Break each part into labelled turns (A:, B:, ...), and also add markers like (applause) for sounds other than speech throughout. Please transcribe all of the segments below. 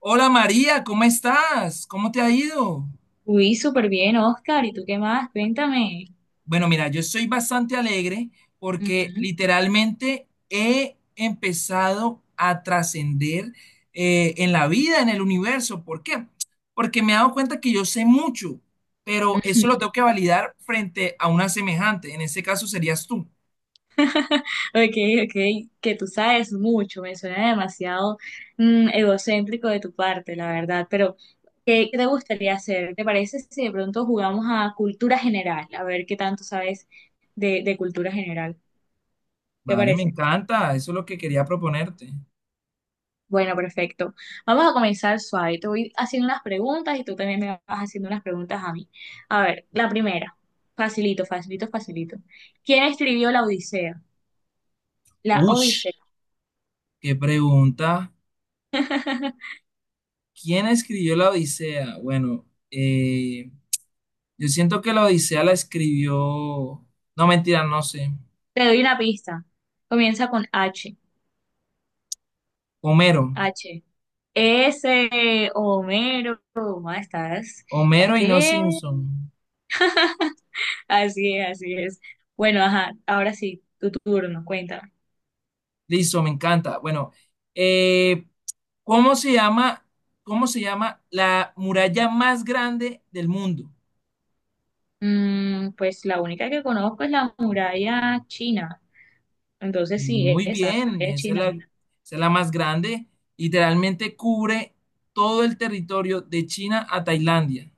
A: Hola María, ¿cómo estás? ¿Cómo te ha ido?
B: Uy, súper bien, Oscar. ¿Y tú qué más? Cuéntame.
A: Bueno, mira, yo estoy bastante alegre porque
B: Ujú.
A: literalmente he empezado a trascender en la vida, en el universo. ¿Por qué? Porque me he dado cuenta que yo sé mucho, pero eso lo tengo que validar frente a una semejante. En ese caso serías tú.
B: Ok, ok, que tú sabes mucho, me suena demasiado egocéntrico de tu parte, la verdad, pero ¿qué te gustaría hacer? ¿Te parece si de pronto jugamos a cultura general? A ver qué tanto sabes de cultura general, ¿te
A: Vale, me
B: parece?
A: encanta. Eso es lo que quería proponerte.
B: Bueno, perfecto. Vamos a comenzar suave. Te voy haciendo unas preguntas y tú también me vas haciendo unas preguntas a mí. A ver, la primera, facilito, facilito, facilito. ¿Quién escribió la Odisea? La Odisea.
A: Ush, qué pregunta. ¿Quién escribió la Odisea? Bueno, yo siento que la Odisea la escribió, no mentira, no sé,
B: Te doy una pista. Comienza con H.
A: Homero.
B: H. S. Homero. ¿Estás? ¿Estás
A: Homero y no
B: qué?
A: Simpson.
B: Así es, así es. Bueno, ajá. Ahora sí, tu turno. Cuéntame.
A: Listo, me encanta. Bueno, eh, ¿cómo se llama, ¿cómo se llama la muralla más grande del mundo?
B: Mm, pues la única que conozco es la muralla china. Entonces sí,
A: Muy
B: esa, la
A: bien,
B: muralla china.
A: esa es la más grande. Literalmente cubre todo el territorio de China a Tailandia,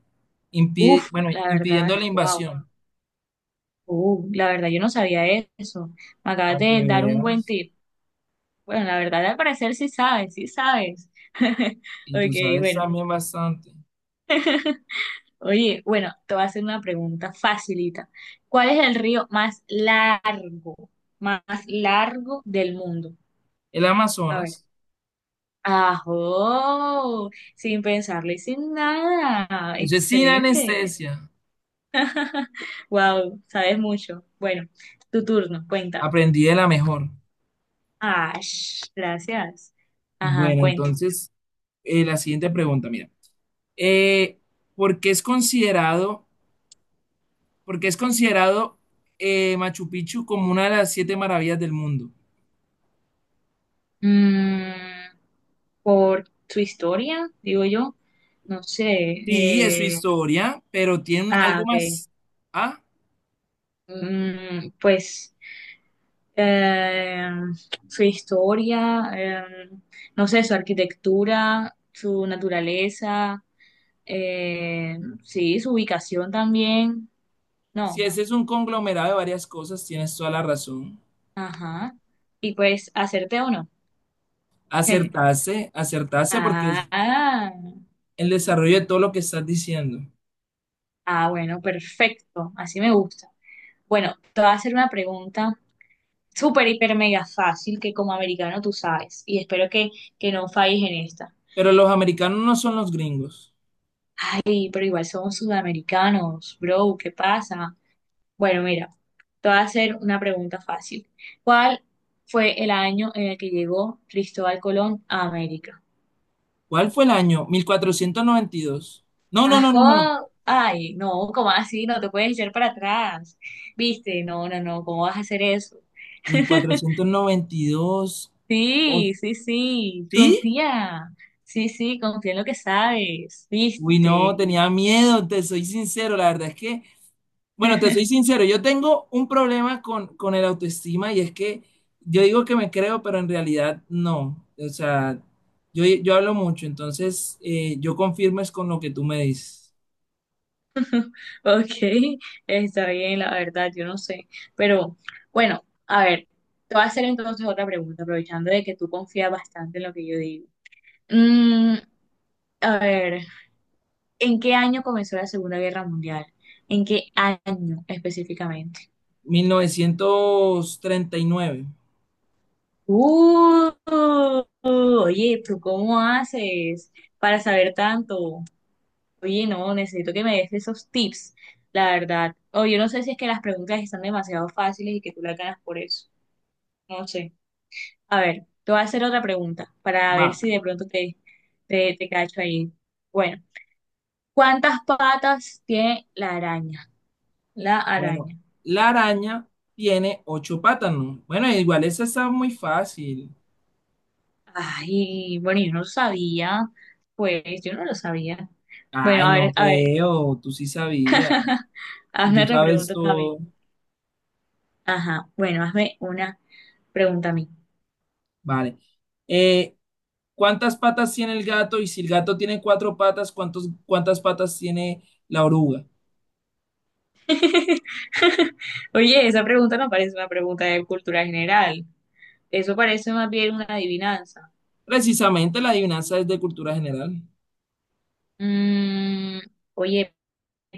B: Uf,
A: bueno,
B: la
A: impidiendo
B: verdad,
A: la
B: wow.
A: invasión,
B: La verdad, yo no sabía eso. Me acabas
A: para que
B: de dar un buen
A: veas.
B: tip. Bueno, la verdad, al parecer sí sabes, sí sabes. (laughs)
A: Y tú
B: Ok,
A: sabes
B: bueno.
A: también bastante.
B: Oye, bueno, te voy a hacer una pregunta facilita. ¿Cuál es el río más largo del mundo?
A: El
B: A ver.
A: Amazonas.
B: ¡Ajo! Sin pensarlo y sin nada.
A: Eso es sin
B: Excelente.
A: anestesia.
B: Wow, sabes mucho. Bueno, tu turno, cuenta.
A: Aprendí de la mejor.
B: Ah, gracias. Ajá,
A: Bueno,
B: cuenta.
A: entonces, la siguiente pregunta, mira. Eh, ¿por qué es considerado, ¿por qué es considerado Machu Picchu como una de las siete maravillas del mundo?
B: Mm, por su historia, digo yo. No sé.
A: Sí, es su historia, pero tiene
B: Ah,
A: algo
B: ok.
A: más. Ah,
B: Mm, pues. eh, Su historia, no sé, su arquitectura, su naturaleza, eh, sí, su ubicación también.
A: si
B: No,
A: ese es un conglomerado de varias cosas, tienes toda la razón.
B: ajá. Y pues, hacerte o no. (laughs)
A: Acertarse, acertarse porque es
B: Ah,
A: el desarrollo de todo lo que estás diciendo.
B: ah, bueno, perfecto. Así me gusta. Bueno, te voy a hacer una pregunta súper, hiper, mega fácil que como americano tú sabes. Y espero que no falles en esta.
A: Pero los americanos no son los gringos.
B: Ay, pero igual somos sudamericanos, bro. ¿Qué pasa? Bueno, mira, te voy a hacer una pregunta fácil. ¿Cuál fue el año en el que llegó Cristóbal Colón a América?
A: ¿Cuál fue el año? 1492. No, no, no, no, no, no.
B: ¡Ajá! Ay, no, ¿cómo así? No te puedes echar para atrás. ¿Viste? No, no, no, ¿cómo vas a hacer eso?
A: mil
B: (laughs)
A: cuatrocientos noventa y dos. ¿O
B: Sí, sí, sí,
A: sí?
B: confía. Sí, sí, confía en lo que sabes,
A: Uy, no,
B: ¿viste?
A: tenía miedo, te soy sincero, la verdad es que, bueno, te soy sincero, yo tengo un problema con el autoestima, y es que yo digo que me creo, pero en realidad no. O sea, yo hablo mucho, entonces yo confirmo es con lo que tú me dices.
B: Ok, está bien, la verdad, yo no sé. Pero bueno, a ver, te voy a hacer entonces otra pregunta, aprovechando de que tú confías bastante en lo que yo digo. Mm, a ver, ¿en qué año comenzó la Segunda Guerra Mundial? ¿En qué año específicamente?
A: 1939.
B: Uh, oye, ¿tú cómo haces para saber tanto? Oye, no, necesito que me des esos tips, la verdad. O yo no sé si es que las preguntas están demasiado fáciles y que tú las ganas por eso. No sé. A ver, te voy a hacer otra pregunta para
A: Va.
B: ver si de pronto te cacho ahí. Bueno, ¿cuántas patas tiene la araña? La
A: Bueno,
B: araña.
A: la araña tiene ocho patas, ¿no? Bueno, igual esa está muy fácil.
B: Ay, bueno, yo no lo sabía. Pues yo no lo sabía. Bueno,
A: Ay, no
B: a ver,
A: creo, tú sí sabías, y
B: hazme
A: tú
B: otra
A: sabes
B: pregunta también.
A: todo.
B: Ajá, bueno, hazme una pregunta a mí.
A: Vale. Eh, ¿Cuántas patas tiene el gato? Y si el gato tiene cuatro patas, ¿cuántas patas tiene la oruga?
B: (laughs) Oye, esa pregunta no parece una pregunta de cultura general. Eso parece más bien una adivinanza.
A: Precisamente la adivinanza es de cultura general.
B: Mm, oye,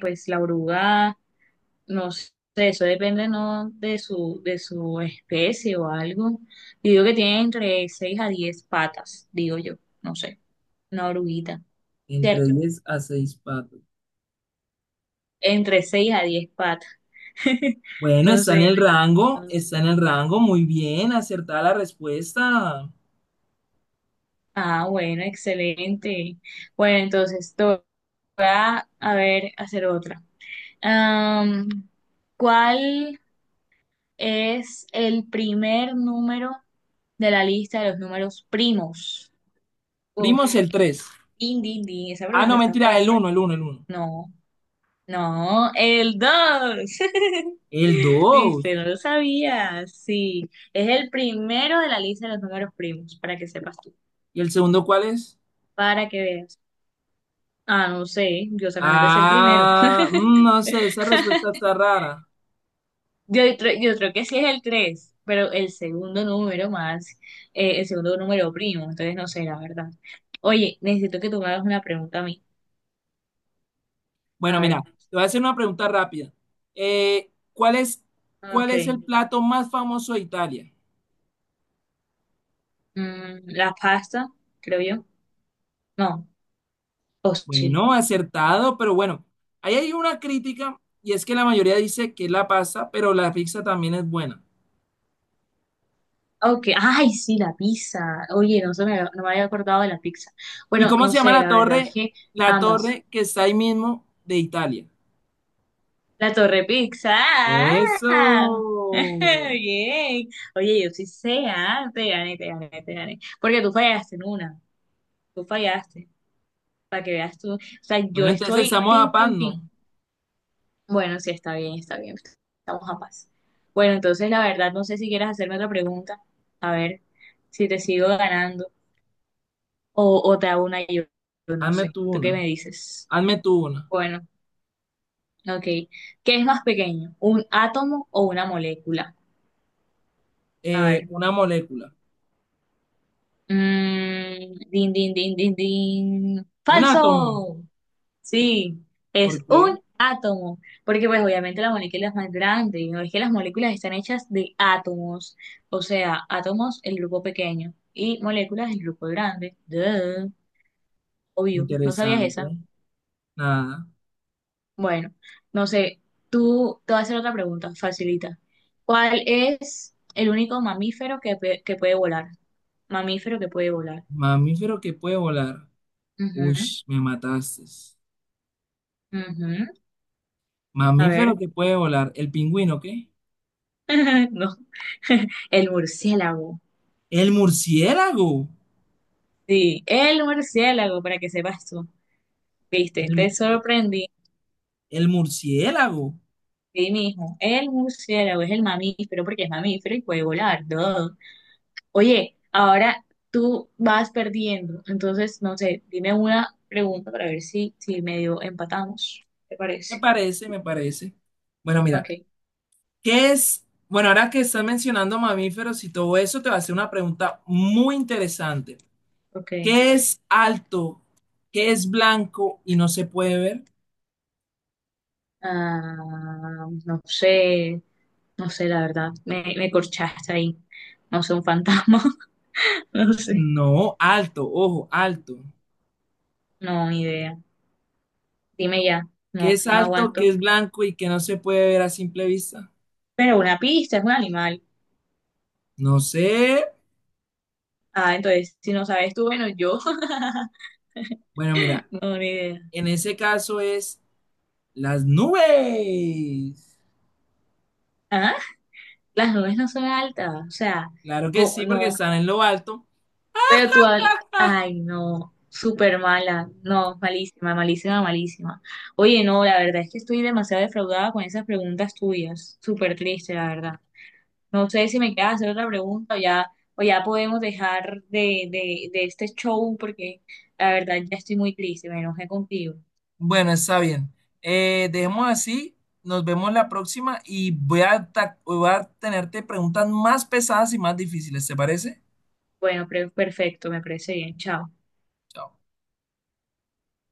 B: pues la oruga, no sé, eso depende no de su especie o algo. Yo digo que tiene entre 6 a 10 patas, digo yo, no sé, una oruguita.
A: Entre
B: ¿Cierto?
A: 10 a 6 patas.
B: Entre 6 a 10 patas. (laughs)
A: Bueno,
B: No
A: está en el
B: sé.
A: rango,
B: No sé.
A: está en el rango, muy bien, acertada la respuesta.
B: Ah, bueno, excelente. Bueno, entonces te voy a ver, hacer otra. Am, ¿cuál es el primer número de la lista de los números primos? Uf,
A: Primos, el 3.
B: din, din, din, esa
A: Ah,
B: pregunta
A: no,
B: está
A: mentira, el
B: fuerte.
A: uno, el uno, el uno.
B: No, no, el 2 (laughs)
A: El
B: Viste,
A: dos.
B: no lo sabía. Sí, es el primero de la lista de los números primos, para que sepas.
A: ¿Y el segundo cuál es?
B: Para que veas. Ah, no sé, yo solamente sé el primero. (laughs)
A: Ah, no sé, esa respuesta está rara.
B: Yo, yo creo que sí es el 3 pero el segundo número más, el segundo número primo, entonces no sé, la verdad. Oye, necesito que tú me hagas una pregunta a mí.
A: Bueno,
B: A
A: mira,
B: ver,
A: te voy a hacer una pregunta rápida. Eh, ¿cuál es, ¿cuál
B: ok.
A: es el plato más famoso de Italia?
B: Mm, la pasta, creo yo. No, o sí.
A: Bueno, acertado, pero bueno, ahí hay una crítica, y es que la mayoría dice que es la pasta, pero la pizza también es buena.
B: Ok, ay, sí, la pizza. Oye, no, no me había acordado de la pizza.
A: ¿Y
B: Bueno,
A: cómo
B: no
A: se llama
B: sé,
A: la
B: la verdad es
A: torre?
B: que
A: La
B: ambas.
A: torre que está ahí mismo de Italia.
B: La Torre Pizza. ¡Ah!
A: Eso.
B: (laughs) Bien. Oye, yo sí sé, ah, te gané, te gané, te gané. Porque tú fallaste en una. Tú fallaste. Para que veas tú. O sea, yo
A: Bueno, entonces
B: estoy
A: estamos a
B: tin,
A: paz,
B: tin,
A: ¿no?
B: tin. Bueno, sí, está bien, está bien. Estamos a paz. Bueno, entonces la verdad, no sé si quieres hacerme otra pregunta. A ver si te sigo ganando. O te hago una yo. Yo no
A: Hazme
B: sé.
A: tú
B: ¿Tú
A: una.
B: qué me dices?
A: Hazme tú una.
B: Bueno, ok. ¿Qué es más pequeño? ¿Un átomo o una molécula? A ver.
A: Una molécula.
B: Mm, din, din, din, din, din.
A: Un
B: Falso.
A: átomo.
B: Sí,
A: ¿Por
B: es
A: qué?
B: un átomo. Porque pues obviamente la molécula es más grande. No es que las moléculas están hechas de átomos. O sea, átomos, el grupo pequeño. Y moléculas, el grupo grande. Duh. Obvio, ¿no sabías esa?
A: Interesante. Nada.
B: Bueno, no sé. Tú te voy a hacer otra pregunta, facilita. ¿Cuál es el único mamífero que puede volar? Mamífero que puede volar.
A: Mamífero que puede volar. Uy,
B: Ujú,
A: me mataste.
B: ujú. A
A: Mamífero
B: ver.
A: que puede volar. ¿El pingüino qué?
B: (laughs) No, (laughs) el murciélago.
A: El murciélago.
B: Sí, el murciélago, para que sepas tú. Viste, te
A: El,
B: sorprendí.
A: el murciélago.
B: Sí, mijo, el murciélago es el mamífero porque es mamífero y puede volar. Todo. Oye, ahora tú vas perdiendo. Entonces, no sé, dime una pregunta para ver si medio empatamos. ¿Te
A: Me
B: parece?
A: parece, me parece. Bueno,
B: Ok,
A: mira. ¿Qué es? Bueno, ahora que estás mencionando mamíferos y todo eso, te va a hacer una pregunta muy interesante.
B: ok.
A: ¿Qué es alto? ¿Qué es blanco y no se puede ver?
B: Ah, no sé, no sé, la verdad. Me corchaste ahí. No sé, un fantasma. (laughs) No sé.
A: No, alto, ojo, alto.
B: No, ni idea. Dime ya,
A: ¿Qué es
B: no
A: alto? ¿Qué
B: aguanto.
A: es blanco y que no se puede ver a simple vista?
B: Pero una pista es un animal.
A: No sé.
B: Ah, entonces, si no sabes tú, bueno, yo
A: Bueno, mira,
B: (laughs) no, ni idea.
A: en ese caso es las nubes.
B: Ah, las nubes no son altas, o sea,
A: Claro que sí, porque
B: no,
A: están en lo alto.
B: pero tú, ay, no, súper mala, no, malísima, malísima, malísima. Oye, no, la verdad es que estoy demasiado defraudada con esas preguntas tuyas, súper triste, la verdad. No sé si me queda hacer otra pregunta o ya podemos dejar de este show porque la verdad ya estoy muy triste, me enojé contigo.
A: Bueno, está bien. Dejemos así. Nos vemos la próxima, y voy a tenerte preguntas más pesadas y más difíciles, ¿te parece?
B: Bueno, perfecto, me parece bien. Chao.
A: Chao.